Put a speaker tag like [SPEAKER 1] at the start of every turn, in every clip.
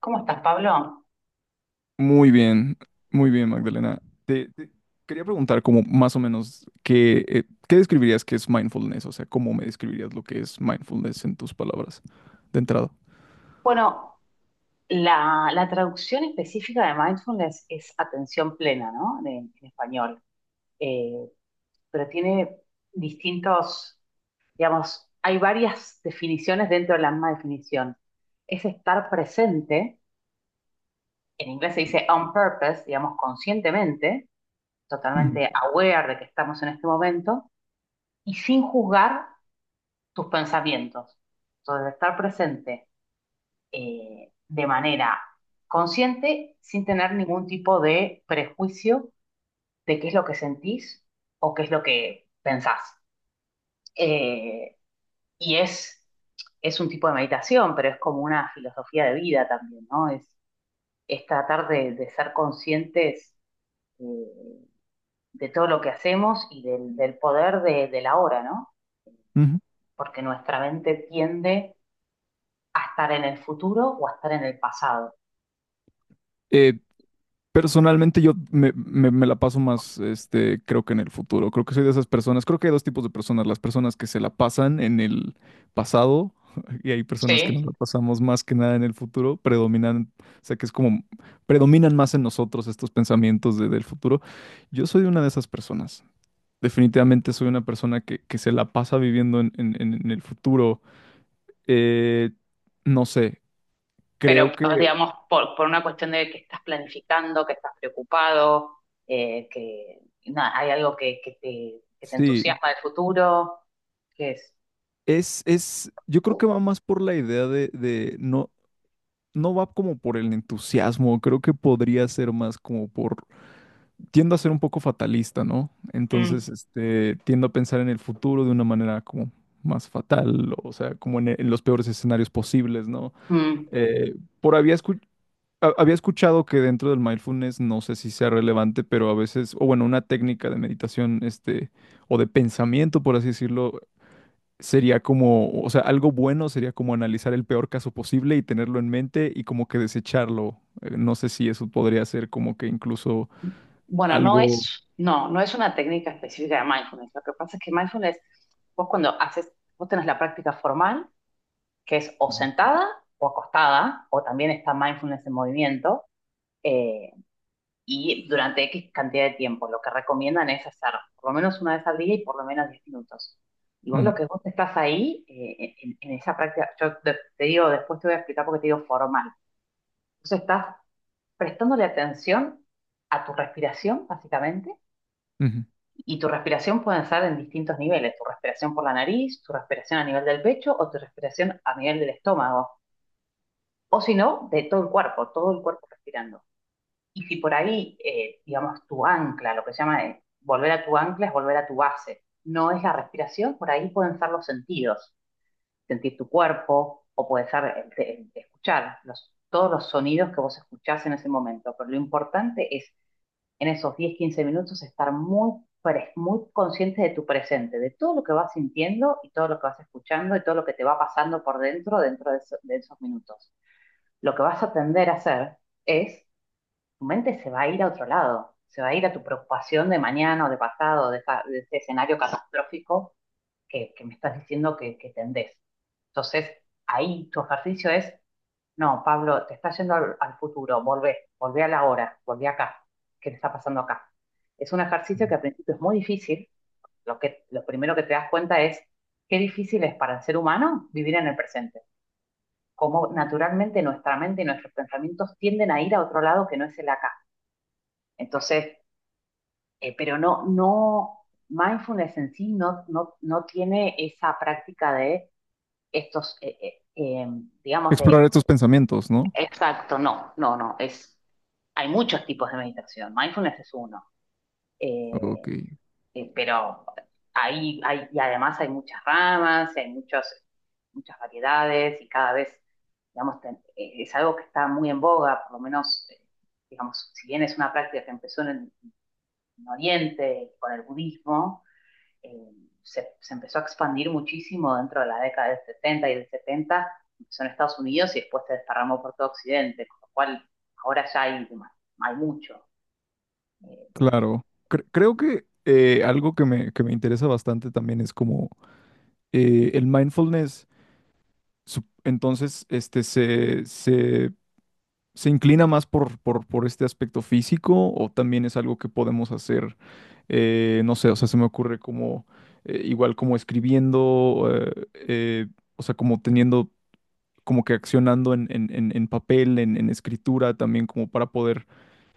[SPEAKER 1] ¿Cómo estás, Pablo?
[SPEAKER 2] Muy bien, muy bien, Magdalena. Te quería preguntar como más o menos qué, qué describirías que es mindfulness, o sea, cómo me describirías lo que es mindfulness en tus palabras de entrada.
[SPEAKER 1] Bueno, la traducción específica de mindfulness es atención plena, ¿no? En español. Eh, pero tiene distintos, digamos, hay varias definiciones dentro de la misma definición. Es estar presente, en inglés se dice on purpose, digamos, conscientemente,
[SPEAKER 2] Ujú,
[SPEAKER 1] totalmente aware de que estamos en este momento, y sin juzgar tus pensamientos. Entonces, estar presente de manera consciente sin tener ningún tipo de prejuicio de qué es lo que sentís o qué es lo que pensás. Eh, y es, es un tipo de meditación, pero es como una filosofía de vida también, ¿no? Es tratar de ser conscientes eh, de todo lo que hacemos y del poder de la hora, ¿no?
[SPEAKER 2] ujú.
[SPEAKER 1] Porque nuestra mente tiende a estar en el futuro o a estar en el pasado.
[SPEAKER 2] Eh, Personalmente yo me la paso más, este, creo que en el futuro. Creo que soy de esas personas. Creo que hay dos tipos de personas. Las personas que se la pasan en el pasado y hay personas que nos
[SPEAKER 1] Sí.
[SPEAKER 2] la pasamos más que nada en el futuro. Predominan, o sea, que es como, predominan más en nosotros estos pensamientos del futuro. Yo soy una de esas personas. Definitivamente soy una persona que se la pasa viviendo en el futuro. Eh, no sé,
[SPEAKER 1] Pero,
[SPEAKER 2] creo que
[SPEAKER 1] digamos, por una cuestión de que estás planificando, que estás preocupado, que nada, hay algo que te
[SPEAKER 2] sí.
[SPEAKER 1] entusiasma del futuro, que es...
[SPEAKER 2] Yo creo que va más por la idea de no, no va como por el entusiasmo, creo que podría ser más como por, tiendo a ser un poco fatalista, ¿no?
[SPEAKER 1] Mm,
[SPEAKER 2] Entonces, este, tiendo a pensar en el futuro de una manera como más fatal, o sea, como en los peores escenarios posibles, ¿no?
[SPEAKER 1] mm.
[SPEAKER 2] Eh, por había escu- ha- había escuchado que dentro del mindfulness, no sé si sea relevante, pero a veces, o bueno, una técnica de meditación, este, o de pensamiento, por así decirlo, sería como, o sea, algo bueno sería como analizar el peor caso posible y tenerlo en mente y como que desecharlo. No sé si eso podría ser como que incluso
[SPEAKER 1] Bueno,
[SPEAKER 2] algo...
[SPEAKER 1] no es una técnica específica de mindfulness. Lo que pasa es que mindfulness, vos cuando haces, vos tenés la práctica formal, que es o sentada o acostada, o también está mindfulness en movimiento, eh, y durante X cantidad de tiempo. Lo que recomiendan es hacer por lo menos una vez al día y por lo menos 10 minutos. Y vos
[SPEAKER 2] Ujú,
[SPEAKER 1] lo que vos estás ahí, en esa práctica, te digo, después te voy a explicar porque te digo formal. Entonces estás prestándole atención a tu respiración, básicamente,
[SPEAKER 2] ujú,
[SPEAKER 1] y tu respiración puede ser en distintos niveles: tu respiración por la nariz, tu respiración a nivel del pecho o tu respiración a nivel del estómago, o si no, de todo el cuerpo respirando. Y si por ahí, digamos, tu ancla, lo que se llama volver a tu ancla es volver a tu base, no es la respiración, por ahí pueden ser los sentidos, sentir tu cuerpo o puede ser escuchar los, todos los sonidos que vos escuchás en ese momento. Pero lo importante es en esos 10 15 minutos estar muy, muy consciente de tu presente, de todo lo que vas sintiendo y todo lo que vas escuchando y todo lo que te va pasando por dentro dentro de, de esos minutos. Lo que vas a tender a hacer es tu mente se va a ir a otro lado, se va a ir a tu preocupación de mañana o de pasado, de, de ese escenario catastrófico que me estás diciendo que tendés. Entonces, ahí tu ejercicio es, no, Pablo, te estás yendo al futuro, volvé a la hora, volvé acá, ¿qué te está pasando acá? Es un ejercicio
[SPEAKER 2] ujú.
[SPEAKER 1] que al principio es muy difícil, lo primero que te das cuenta es qué difícil es para el ser humano vivir en el presente, cómo naturalmente nuestra mente y nuestros pensamientos tienden a ir a otro lado que no es el acá. Entonces, pero mindfulness en sí no tiene esa práctica de estos, digamos,
[SPEAKER 2] Explorar
[SPEAKER 1] de...
[SPEAKER 2] estos pensamientos, ¿no?
[SPEAKER 1] Exacto, no, no, no, hay muchos tipos de meditación, mindfulness es uno, eh,
[SPEAKER 2] Ok,
[SPEAKER 1] pero ahí hay, y además hay muchas ramas, muchas variedades y cada vez, digamos, es algo que está muy en boga, por lo menos, digamos, si bien es una práctica que empezó en Oriente con el budismo, eh, empezó a expandir muchísimo dentro de la década del 60 y del 70, empezó en Estados Unidos y después se desparramó por todo Occidente, con lo cual ahora ya hay mucho. Eh.
[SPEAKER 2] claro. Creo que algo que me interesa bastante también es como el mindfulness. Entonces, este, ¿se inclina más por este aspecto físico o también es algo que podemos hacer? No sé, o sea, se me ocurre como, igual como escribiendo, o sea, como teniendo como que accionando en papel, en escritura, también como para poder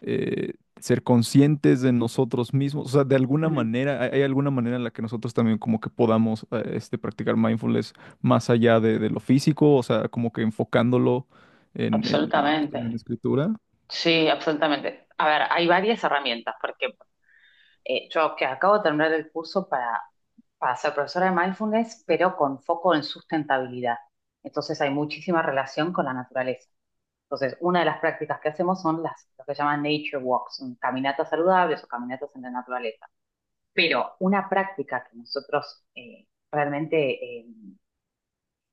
[SPEAKER 2] ser conscientes de nosotros mismos. O sea, de alguna
[SPEAKER 1] Mm,
[SPEAKER 2] manera, hay alguna manera en la que nosotros también como que podamos este, practicar mindfulness más allá de lo físico, o sea, como que enfocándolo en, en, en la
[SPEAKER 1] absolutamente.
[SPEAKER 2] escritura.
[SPEAKER 1] Sí, absolutamente. A ver, hay varias herramientas, porque yo que acabo de terminar el curso para ser profesora de mindfulness, pero con foco en sustentabilidad. Entonces hay muchísima relación con la naturaleza. Entonces, una de las prácticas que hacemos son las, lo que llaman nature walks, caminatas saludables o caminatas en la naturaleza. Pero una práctica que nosotros realmente eh,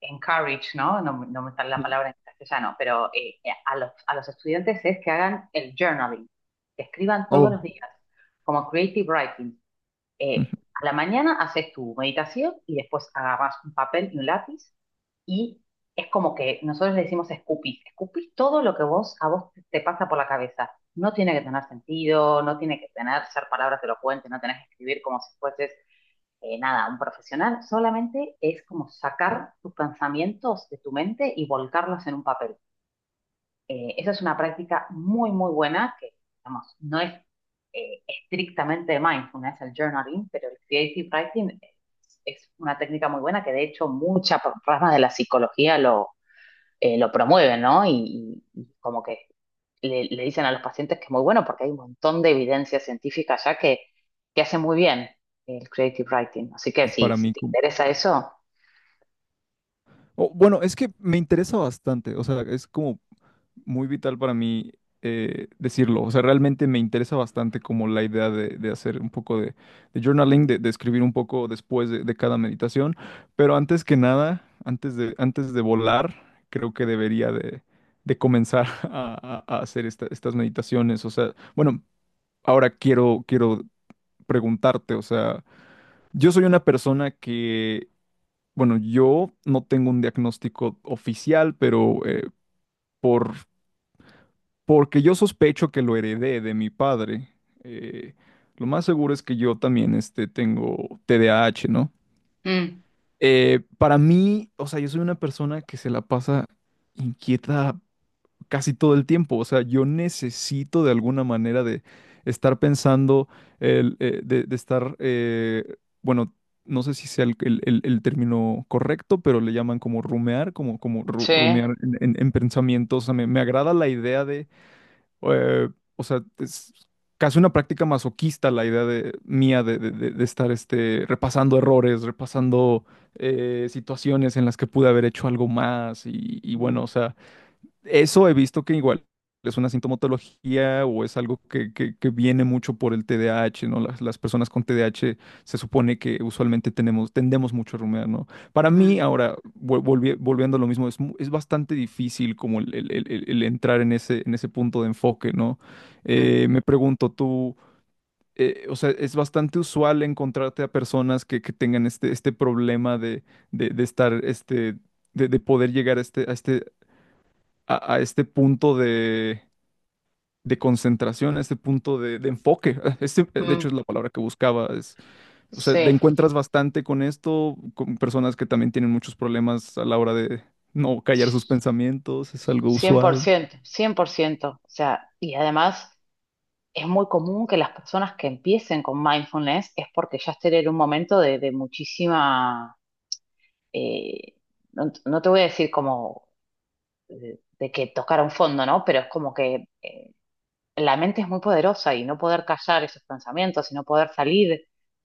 [SPEAKER 1] encourage, ¿no? ¿No? No me sale la
[SPEAKER 2] Ujú.
[SPEAKER 1] palabra en castellano, pero a los estudiantes es que hagan el journaling, que escriban todos
[SPEAKER 2] Oh,
[SPEAKER 1] los días, como creative writing,
[SPEAKER 2] ujú,
[SPEAKER 1] eh, a la mañana haces tu meditación y después agarras un papel y un lápiz y es como que nosotros le decimos escupís, escupís todo lo que vos a vos te pasa por la cabeza. No tiene que tener sentido, no tiene que tener ser palabras elocuentes, no tenés que escribir como si fueses nada, un profesional. Solamente es como sacar tus pensamientos de tu mente y volcarlos en un papel. Esa es una práctica muy, muy buena que, digamos, no es estrictamente de mindfulness, el journaling, pero el creative writing es una técnica muy buena que de hecho muchas ramas de la psicología lo promueven, ¿no? Y, y como que le dicen a los pacientes que es muy bueno porque hay un montón de evidencia científica ya que hace muy bien el creative writing. Así que
[SPEAKER 2] para
[SPEAKER 1] si
[SPEAKER 2] mí.
[SPEAKER 1] te interesa eso,
[SPEAKER 2] O, bueno, es que me interesa bastante, o sea, es como muy vital para mí decirlo, o sea, realmente me interesa bastante como la idea de hacer un poco de journaling, de escribir un poco después de cada meditación, pero antes que nada, antes de volar, creo que debería de comenzar a hacer estas meditaciones, o sea, bueno, ahora quiero preguntarte, o sea, yo soy una persona que bueno, yo no tengo un diagnóstico oficial, pero por, porque yo sospecho que lo heredé de mi padre, eh, lo más seguro es que yo también este, tengo TDAH, ¿no?
[SPEAKER 1] mm,
[SPEAKER 2] Para mí, o sea, yo soy una persona que se la pasa inquieta casi todo el tiempo. O sea, yo necesito de alguna manera de estar pensando, de estar, bueno, no sé si sea el término correcto, pero le llaman como rumear, como,
[SPEAKER 1] sí,
[SPEAKER 2] rumear en, en pensamientos. O sea, me agrada la idea de, eh, o sea, es casi una práctica masoquista la idea de, mía de, de estar este, repasando errores, repasando... situaciones en las que pude haber hecho algo más y
[SPEAKER 1] mm,
[SPEAKER 2] bueno, o sea, eso he visto que igual es una sintomatología o es algo que, que viene mucho por el TDAH, ¿no? Las personas con TDAH se supone que usualmente tenemos, tendemos mucho a rumiar, ¿no? Para
[SPEAKER 1] mm,
[SPEAKER 2] mí, ahora, volviendo a lo mismo, es, es bastante difícil como el entrar en ese punto de enfoque, ¿no?
[SPEAKER 1] mm,
[SPEAKER 2] Me pregunto, tú, o sea, es bastante usual encontrarte a personas que tengan este, este problema de estar, este de poder llegar a este, a este a este punto de concentración, a este punto de enfoque. Este, de
[SPEAKER 1] mm,
[SPEAKER 2] hecho, es la palabra que buscaba. Es- o sea, te
[SPEAKER 1] sí.
[SPEAKER 2] encuentras bastante con esto, con personas que también tienen muchos problemas a la hora de no callar sus pensamientos, es algo
[SPEAKER 1] Cien cien por
[SPEAKER 2] usual.
[SPEAKER 1] ciento, 100%. O sea, y además es muy común que las personas que empiecen con mindfulness es porque ya estén en un momento de muchísima, eh, no te voy a decir como de que tocaron fondo, ¿no? Pero es como que la mente es muy poderosa y no poder callar esos pensamientos y no poder salir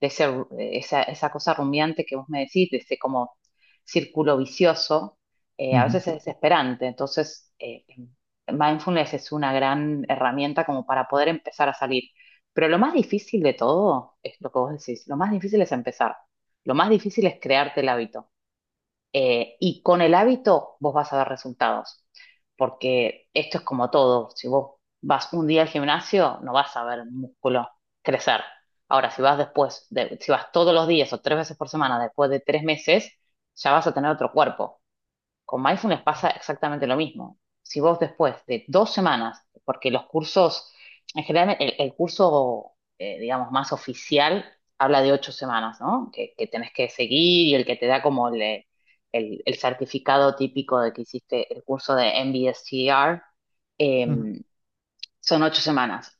[SPEAKER 1] de ese de esa, esa cosa rumiante que vos me decís, de ese como círculo vicioso, a
[SPEAKER 2] Ujú,
[SPEAKER 1] veces es desesperante. Entonces, mindfulness es una gran herramienta como para poder empezar a salir. Pero lo más difícil de todo es lo que vos decís, lo más difícil es empezar, lo más difícil es crearte el hábito. Y con el hábito vos vas a ver resultados, porque esto es como todo. Si vos vas un día al gimnasio, no vas a ver músculo crecer. Ahora, si vas después, si vas todos los días o tres veces por semana después de 3 meses, ya vas a tener otro cuerpo. Con mindfulness pasa exactamente lo mismo. Si vos después de dos semanas, porque los cursos, en general el curso, digamos, más oficial habla de 8 semanas, ¿no? Que tenés que seguir y el que te da como el, el certificado típico de que hiciste el curso de MBSTR, eh,
[SPEAKER 2] ujú.
[SPEAKER 1] son 8 semanas.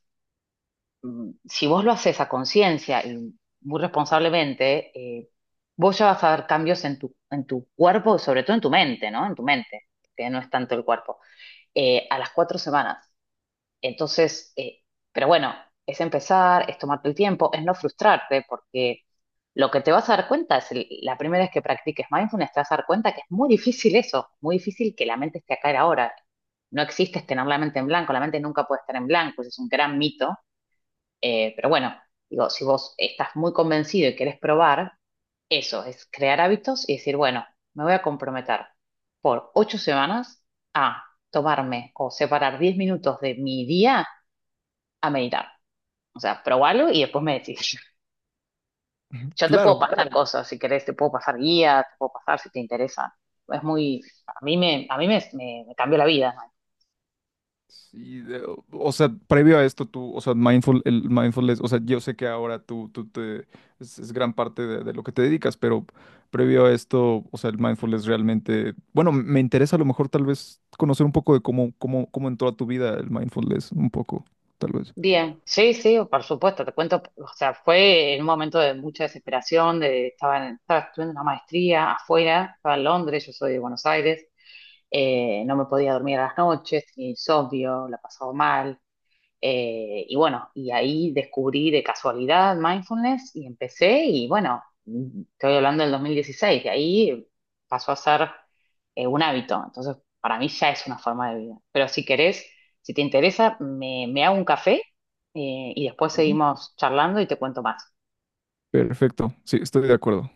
[SPEAKER 1] Mm, si vos lo haces a conciencia y muy responsablemente, eh, vos ya vas a ver cambios en tu cuerpo y sobre todo en tu mente, ¿no? En tu mente, que no es tanto el cuerpo, a las 4 semanas. Entonces, pero bueno, es empezar, es tomarte el tiempo, es no frustrarte, porque lo que te vas a dar cuenta es la primera vez que practiques mindfulness, te vas a dar cuenta que es muy difícil eso, muy difícil que la mente esté acá y ahora. No existe tener la mente en blanco, la mente nunca puede estar en blanco, ese es un gran mito. Pero bueno, digo, si vos estás muy convencido y querés probar, eso es crear hábitos y decir, bueno, me voy a comprometer por 8 semanas a tomarme o separar 10 minutos de mi día a meditar. O sea, probalo y después me decís. Yo te puedo
[SPEAKER 2] Claro,
[SPEAKER 1] pasar cosas, si querés, te puedo pasar guía, te puedo pasar si te interesa. Es muy, a mí me, me cambió la vida.
[SPEAKER 2] sí, de- o sea, previo a esto tú, o sea, mindful, el mindfulness, o sea, yo sé que ahora tú te, es gran parte de lo que te dedicas, pero previo a esto, o sea, el mindfulness realmente, bueno, me interesa a lo mejor tal vez conocer un poco de cómo, cómo, cómo entró a tu vida el mindfulness, un poco, tal vez.
[SPEAKER 1] Bien, sí, sí, por supuesto, te cuento, o sea, fue en un momento de mucha desesperación, de, estaba, estaba estudiando una maestría afuera, estaba en Londres, yo soy de Buenos Aires, no me podía dormir a las noches, tenía insomnio, la pasaba mal, y bueno, y ahí descubrí de casualidad mindfulness y empecé y bueno, estoy hablando del 2016, de ahí pasó a ser un hábito. Entonces, para mí ya es una forma de vida. Pero si querés, si te interesa, me hago un café y después
[SPEAKER 2] Ujú.
[SPEAKER 1] seguimos charlando y te cuento más.
[SPEAKER 2] Perfecto, sí, estoy de acuerdo.